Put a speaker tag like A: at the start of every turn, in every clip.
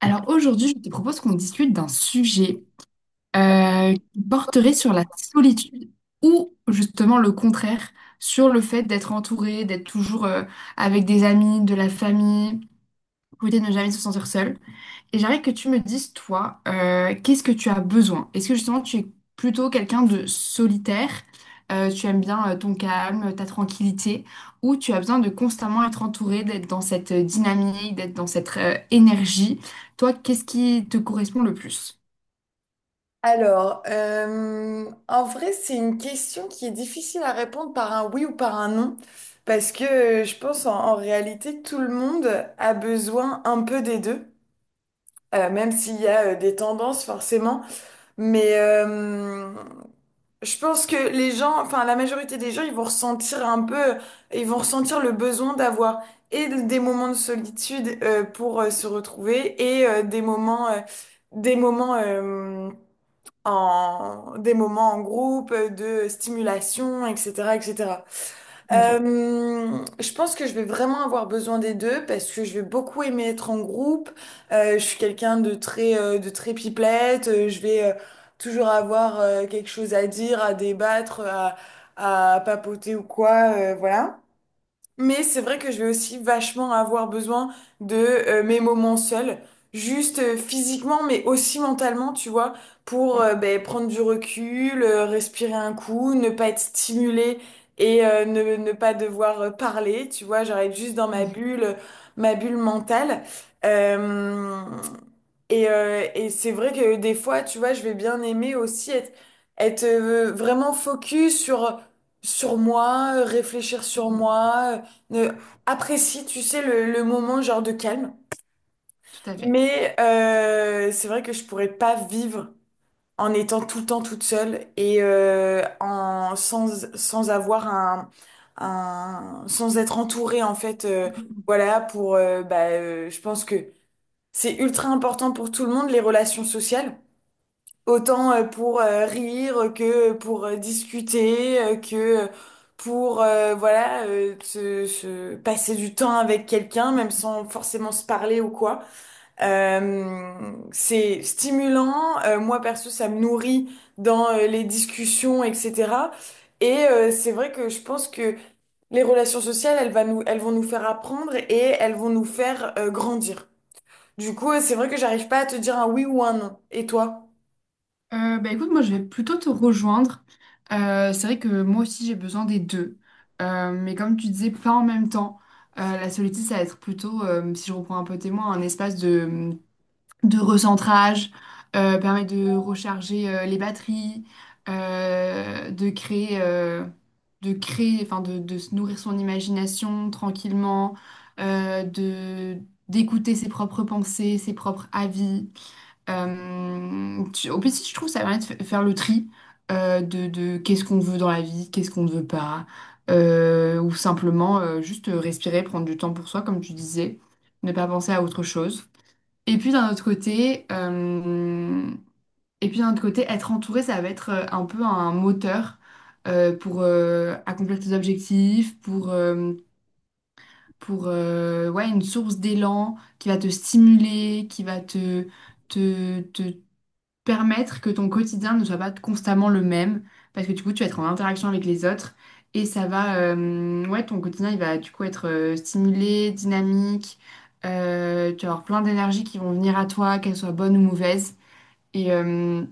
A: Alors aujourd'hui, je te propose qu'on discute d'un sujet qui porterait sur la solitude ou justement le contraire, sur le fait d'être entouré, d'être toujours avec des amis, de la famille, pour éviter de ne jamais se sentir seul. Et j'aimerais que tu me dises, toi, qu'est-ce que tu as besoin? Est-ce que justement tu es plutôt quelqu'un de solitaire, tu aimes bien ton calme, ta tranquillité, ou tu as besoin de constamment être entouré, d'être dans cette dynamique, d'être dans cette énergie? Toi, qu'est-ce qui te correspond le plus?
B: En vrai, c'est une question qui est difficile à répondre par un oui ou par un non, parce que je pense en réalité, tout le monde a besoin un peu des deux, même s'il y a des tendances forcément. Mais euh, je pense que les gens, enfin la majorité des gens, ils vont ressentir un peu, ils vont ressentir le besoin d'avoir et des moments de solitude pour se retrouver et des des moments en des moments en groupe, de stimulation, etc., etc.
A: Tout à fait.
B: Je pense que je vais vraiment avoir besoin des deux parce que je vais beaucoup aimer être en groupe. Je suis quelqu'un de de très pipelette. Je vais toujours avoir quelque chose à dire, à à papoter ou quoi, voilà. Mais c'est vrai que je vais aussi vachement avoir besoin de mes moments seuls, juste physiquement, mais aussi mentalement, tu vois, pour ben, prendre du recul, respirer un coup, ne pas être stimulé et ne pas devoir parler, tu vois, j'arrête juste dans ma bulle mentale. Euh, et c'est vrai que des fois, tu vois, je vais bien aimer aussi être vraiment focus sur moi, réfléchir sur
A: Mm.
B: moi. Euh, Apprécie, tu sais, le moment genre de calme.
A: Tout à fait.
B: C'est vrai que je pourrais pas vivre en étant tout le temps toute seule et en, sans, sans avoir sans être entourée en fait.
A: Mmh, mmh, mmh.
B: Voilà, je pense que c'est ultra important pour tout le monde, les relations sociales. Autant pour rire que pour discuter, que pour voilà se passer du temps avec quelqu'un, même sans forcément se parler ou quoi. C'est stimulant. Moi perso, ça me nourrit dans les discussions, etc. Et c'est vrai que je pense que les relations sociales, elles vont nous faire apprendre et elles vont nous faire grandir. Du coup, c'est vrai que j'arrive pas à te dire un oui ou un non. Et toi?
A: Bah écoute, moi je vais plutôt te rejoindre. C'est vrai que moi aussi j'ai besoin des deux. Mais comme tu disais, pas en même temps. La solitude, ça va être plutôt, si je reprends un peu témoin, un espace de recentrage, permet de recharger les batteries, euh, de créer, euh, de créer, enfin de se nourrir son imagination tranquillement, de d'écouter ses propres pensées, ses propres avis. En plus, je trouve que ça permet de faire le tri de qu'est-ce qu'on veut dans la vie, qu'est-ce qu'on ne veut pas, ou simplement juste respirer, prendre du temps pour soi, comme tu disais, ne pas penser à autre chose. Et puis d'un autre côté, être entouré, ça va être un peu un moteur pour accomplir tes objectifs, pour, ouais, une source d'élan qui va te stimuler, qui va te permettre que ton quotidien ne soit pas constamment le même, parce que du coup, tu vas être en interaction avec les autres et ça va, ouais, ton quotidien, il va du coup être stimulé, dynamique, tu vas avoir plein d'énergie qui vont venir à toi, qu'elles soient bonnes ou mauvaises. Et, euh,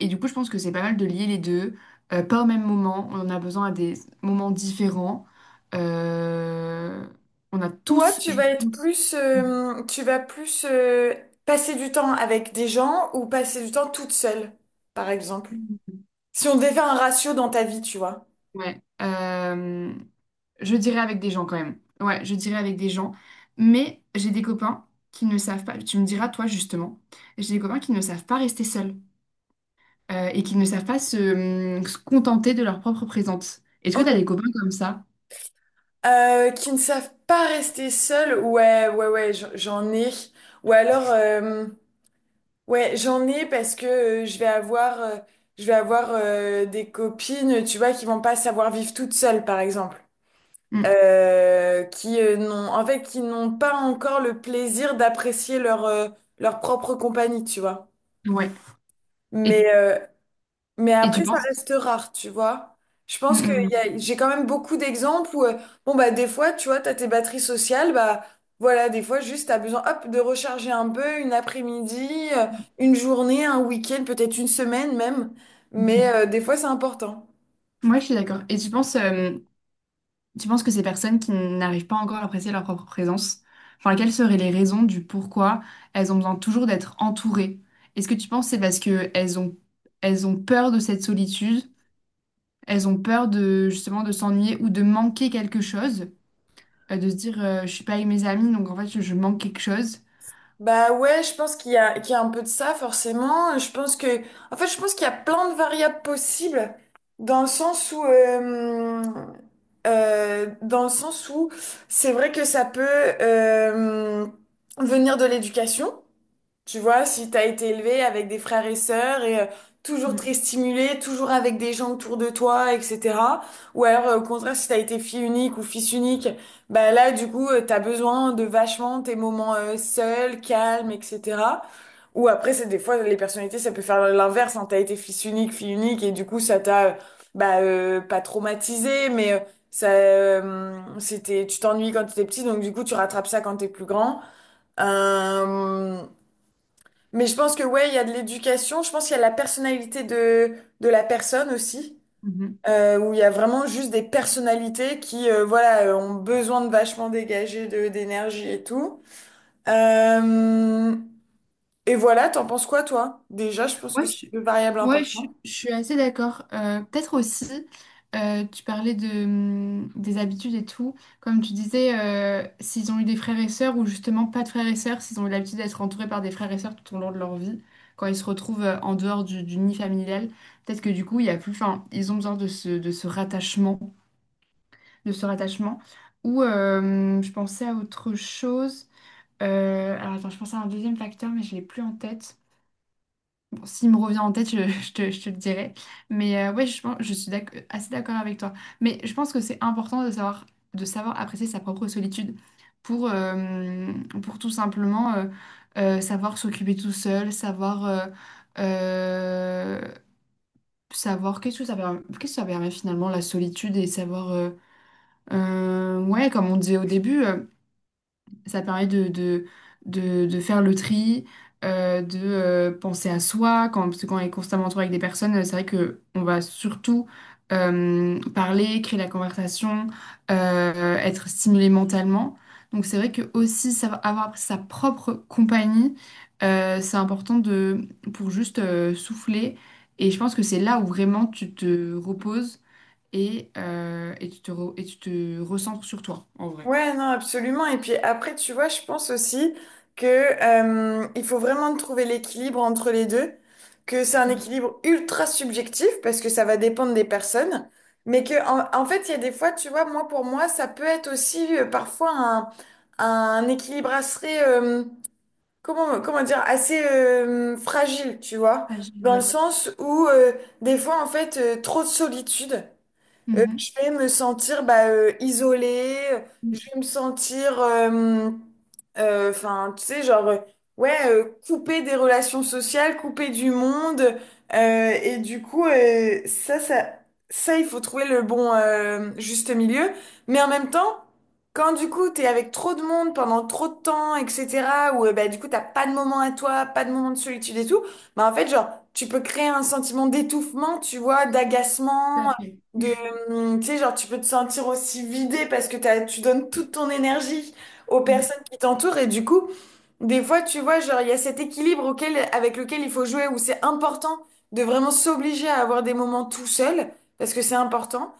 A: et du coup, je pense que c'est pas mal de lier les deux, pas au même moment, on en a besoin à des moments différents. Euh, on a
B: Toi,
A: tous,
B: tu
A: je
B: vas être
A: pense,
B: tu vas plus passer du temps avec des gens ou passer du temps toute seule, par exemple. Si on devait faire un ratio dans ta vie, tu vois.
A: ouais, je dirais avec des gens quand même. Ouais, je dirais avec des gens. Mais j'ai des copains qui ne savent pas, tu me diras toi justement, j'ai des copains qui ne savent pas rester seuls et qui ne savent pas se, se contenter de leur propre présence. Est-ce que tu as des
B: Ok.
A: copains comme ça?
B: Qui ne savent pas rester seuls, ouais, ouais, ouais, j'en ai. Ou alors, ouais, j'en ai parce que je vais je vais avoir des copines, tu vois, qui vont pas savoir vivre toutes seules, par exemple.
A: Hum,
B: Qui n'ont en fait qui n'ont pas encore le plaisir d'apprécier leur leur propre compagnie, tu vois.
A: ouais. Et,
B: Mais euh, mais
A: et tu
B: après ça
A: penses?
B: reste rare, tu vois. Je pense que
A: Hum,
B: j'ai quand même beaucoup d'exemples où bon bah des fois, tu vois, t'as tes batteries sociales, bah voilà, des fois juste t'as besoin hop de recharger un peu une après-midi, une journée, un week-end, peut-être une semaine même.
A: hum, hum.
B: Des fois c'est important.
A: Ouais, je suis d'accord. Et tu penses, tu penses que ces personnes qui n'arrivent pas encore à apprécier leur propre présence, enfin, quelles seraient les raisons du pourquoi elles ont besoin toujours d'être entourées? Est-ce que tu penses que c'est parce que elles ont peur de cette solitude, elles ont peur de justement de s'ennuyer ou de manquer quelque chose, de se dire je suis pas avec mes amis donc en fait je manque quelque chose.
B: Bah ouais, je pense qu'qu'il y a un peu de ça, forcément. Je pense que, en fait, Je pense qu'il y a plein de variables possibles dans le sens où, euh, dans le sens où c'est vrai que ça peut, euh, venir de l'éducation. Tu vois, si t'as été élevé avec des frères et sœurs et toujours très stimulé, toujours avec des gens autour de toi, etc. Ou alors, au contraire, si t'as été fille unique ou fils unique, bah là, du coup, t'as besoin de vachement tes moments seuls, calmes, etc. Ou après, c'est des fois, les personnalités, ça peut faire l'inverse. Hein. T'as été fils unique, fille unique, et du coup, pas traumatisé, mais tu t'ennuies quand t'étais petit, donc du coup, tu rattrapes ça quand t'es plus grand. Euh, mais je pense que ouais, il y a de l'éducation. Je pense qu'il y a la personnalité de la personne aussi,
A: Mhm.
B: où il y a vraiment juste des personnalités qui, voilà, ont besoin de vachement dégager d'énergie et tout. Euh, et voilà, t'en penses quoi, toi? Déjà, je pense que
A: Ouais,
B: c'est
A: je,
B: deux variables
A: ouais, je,
B: importantes.
A: suis je suis assez d'accord. Peut-être aussi, tu parlais de, des habitudes et tout. Comme tu disais, s'ils ont eu des frères et sœurs ou justement pas de frères et sœurs, s'ils ont eu l'habitude d'être entourés par des frères et sœurs tout au long de leur vie, quand ils se retrouvent en dehors du nid familial, peut-être que du coup, il y a plus, enfin, ils ont besoin de ce rattachement, de ce rattachement. Ou je pensais à autre chose. Alors attends, je pensais à un deuxième facteur, mais je l'ai plus en tête. Bon, s'il me revient en tête, je, je te le dirai. Je pense, je suis assez d'accord avec toi. Mais je pense que c'est important de savoir apprécier sa propre solitude pour, euh, pour tout simplement savoir s'occuper tout seul, savoir, euh, savoir qu'est-ce que ça permet, qu'est-ce que ça permet finalement la solitude et savoir, ouais, comme on disait au début. Ça permet de faire le tri, de penser à soi. Quand, parce que quand on est constamment entouré avec des personnes, c'est vrai que on va surtout parler, créer la conversation, être stimulé mentalement. Donc c'est vrai que aussi avoir sa propre compagnie, c'est important de, pour juste souffler. Et je pense que c'est là où vraiment tu te reposes et tu te recentres sur toi, en vrai.
B: Ouais, non, absolument. Et puis après, tu vois, je pense aussi que il faut vraiment trouver l'équilibre entre les deux, que c'est un
A: Mm.
B: équilibre ultra subjectif parce que ça va dépendre des personnes, mais que en fait, il y a des fois, tu vois, moi pour moi, ça peut être aussi parfois un équilibre assez comment dire assez fragile, tu vois, dans le
A: Oui.
B: sens où des fois, en fait, trop de solitude.
A: Mm-hmm.
B: Je vais me sentir isolée, je
A: Mm,
B: vais me enfin, tu sais, genre, ouais, coupée des relations sociales, coupée du monde. Et du coup, ça, il faut trouver le bon juste milieu. Mais en même temps, quand du coup, t'es avec trop de monde pendant trop de temps, etc., ou du coup, t'as pas de moment à toi, pas de moment de solitude et tout, bah, en fait, genre, tu peux créer un sentiment d'étouffement, tu vois,
A: tout à
B: d'agacement
A: fait.
B: de, tu sais, genre, tu peux te sentir aussi vidé parce que tu donnes toute ton énergie aux
A: Mm.
B: personnes qui t'entourent et du coup, des fois, tu vois, genre, il y a cet équilibre auquel, avec lequel il faut jouer où c'est important de vraiment s'obliger à avoir des moments tout seul parce que c'est important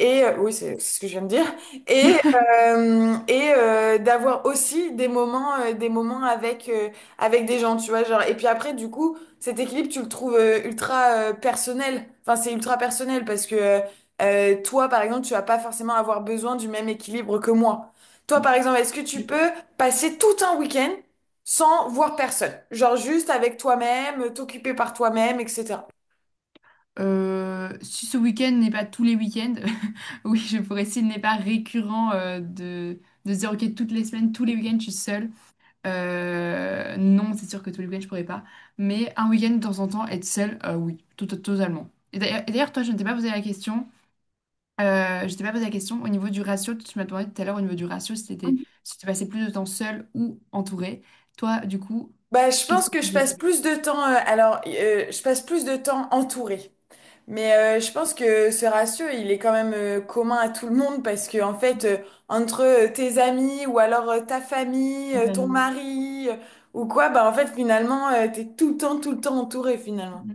B: et oui, c'est ce que je viens de dire. Et d'avoir aussi des des moments avec des gens, tu vois. Genre, et puis après, du coup, cet équilibre, tu le trouves ultra personnel. Enfin, c'est ultra personnel parce que toi, par exemple, tu vas pas forcément avoir besoin du même équilibre que moi. Toi, par exemple, est-ce que tu
A: Et-
B: peux passer tout un week-end sans voir personne? Genre juste avec toi-même, t'occuper par toi-même, etc.
A: Si ce week-end n'est pas tous les week-ends, oui, je pourrais, s'il n'est pas récurrent de se dire, ok, toutes les semaines, tous les week-ends, je suis seule. Non, c'est sûr que tous les week-ends, je pourrais pas. Mais un week-end, de temps en temps, être seule, oui, tout, totalement. Et d'ailleurs, toi, je ne t'ai pas posé la question. Je t'ai pas posé la question au niveau du ratio. Tu m'as demandé tout à l'heure au niveau du ratio si t'étais, si tu passais plus de temps seule ou entourée. Toi, du coup,
B: Bah, je
A: qu'est-ce que
B: pense que
A: tu
B: je
A: dirais
B: passe plus de temps, alors je passe plus de temps entourée. Je pense que ce ratio, il est quand même commun à tout le monde parce que en fait, entre tes amis ou alors ta famille,
A: à ta
B: ton
A: famille?
B: mari ou quoi, bah en fait finalement, t'es tout le temps entouré finalement.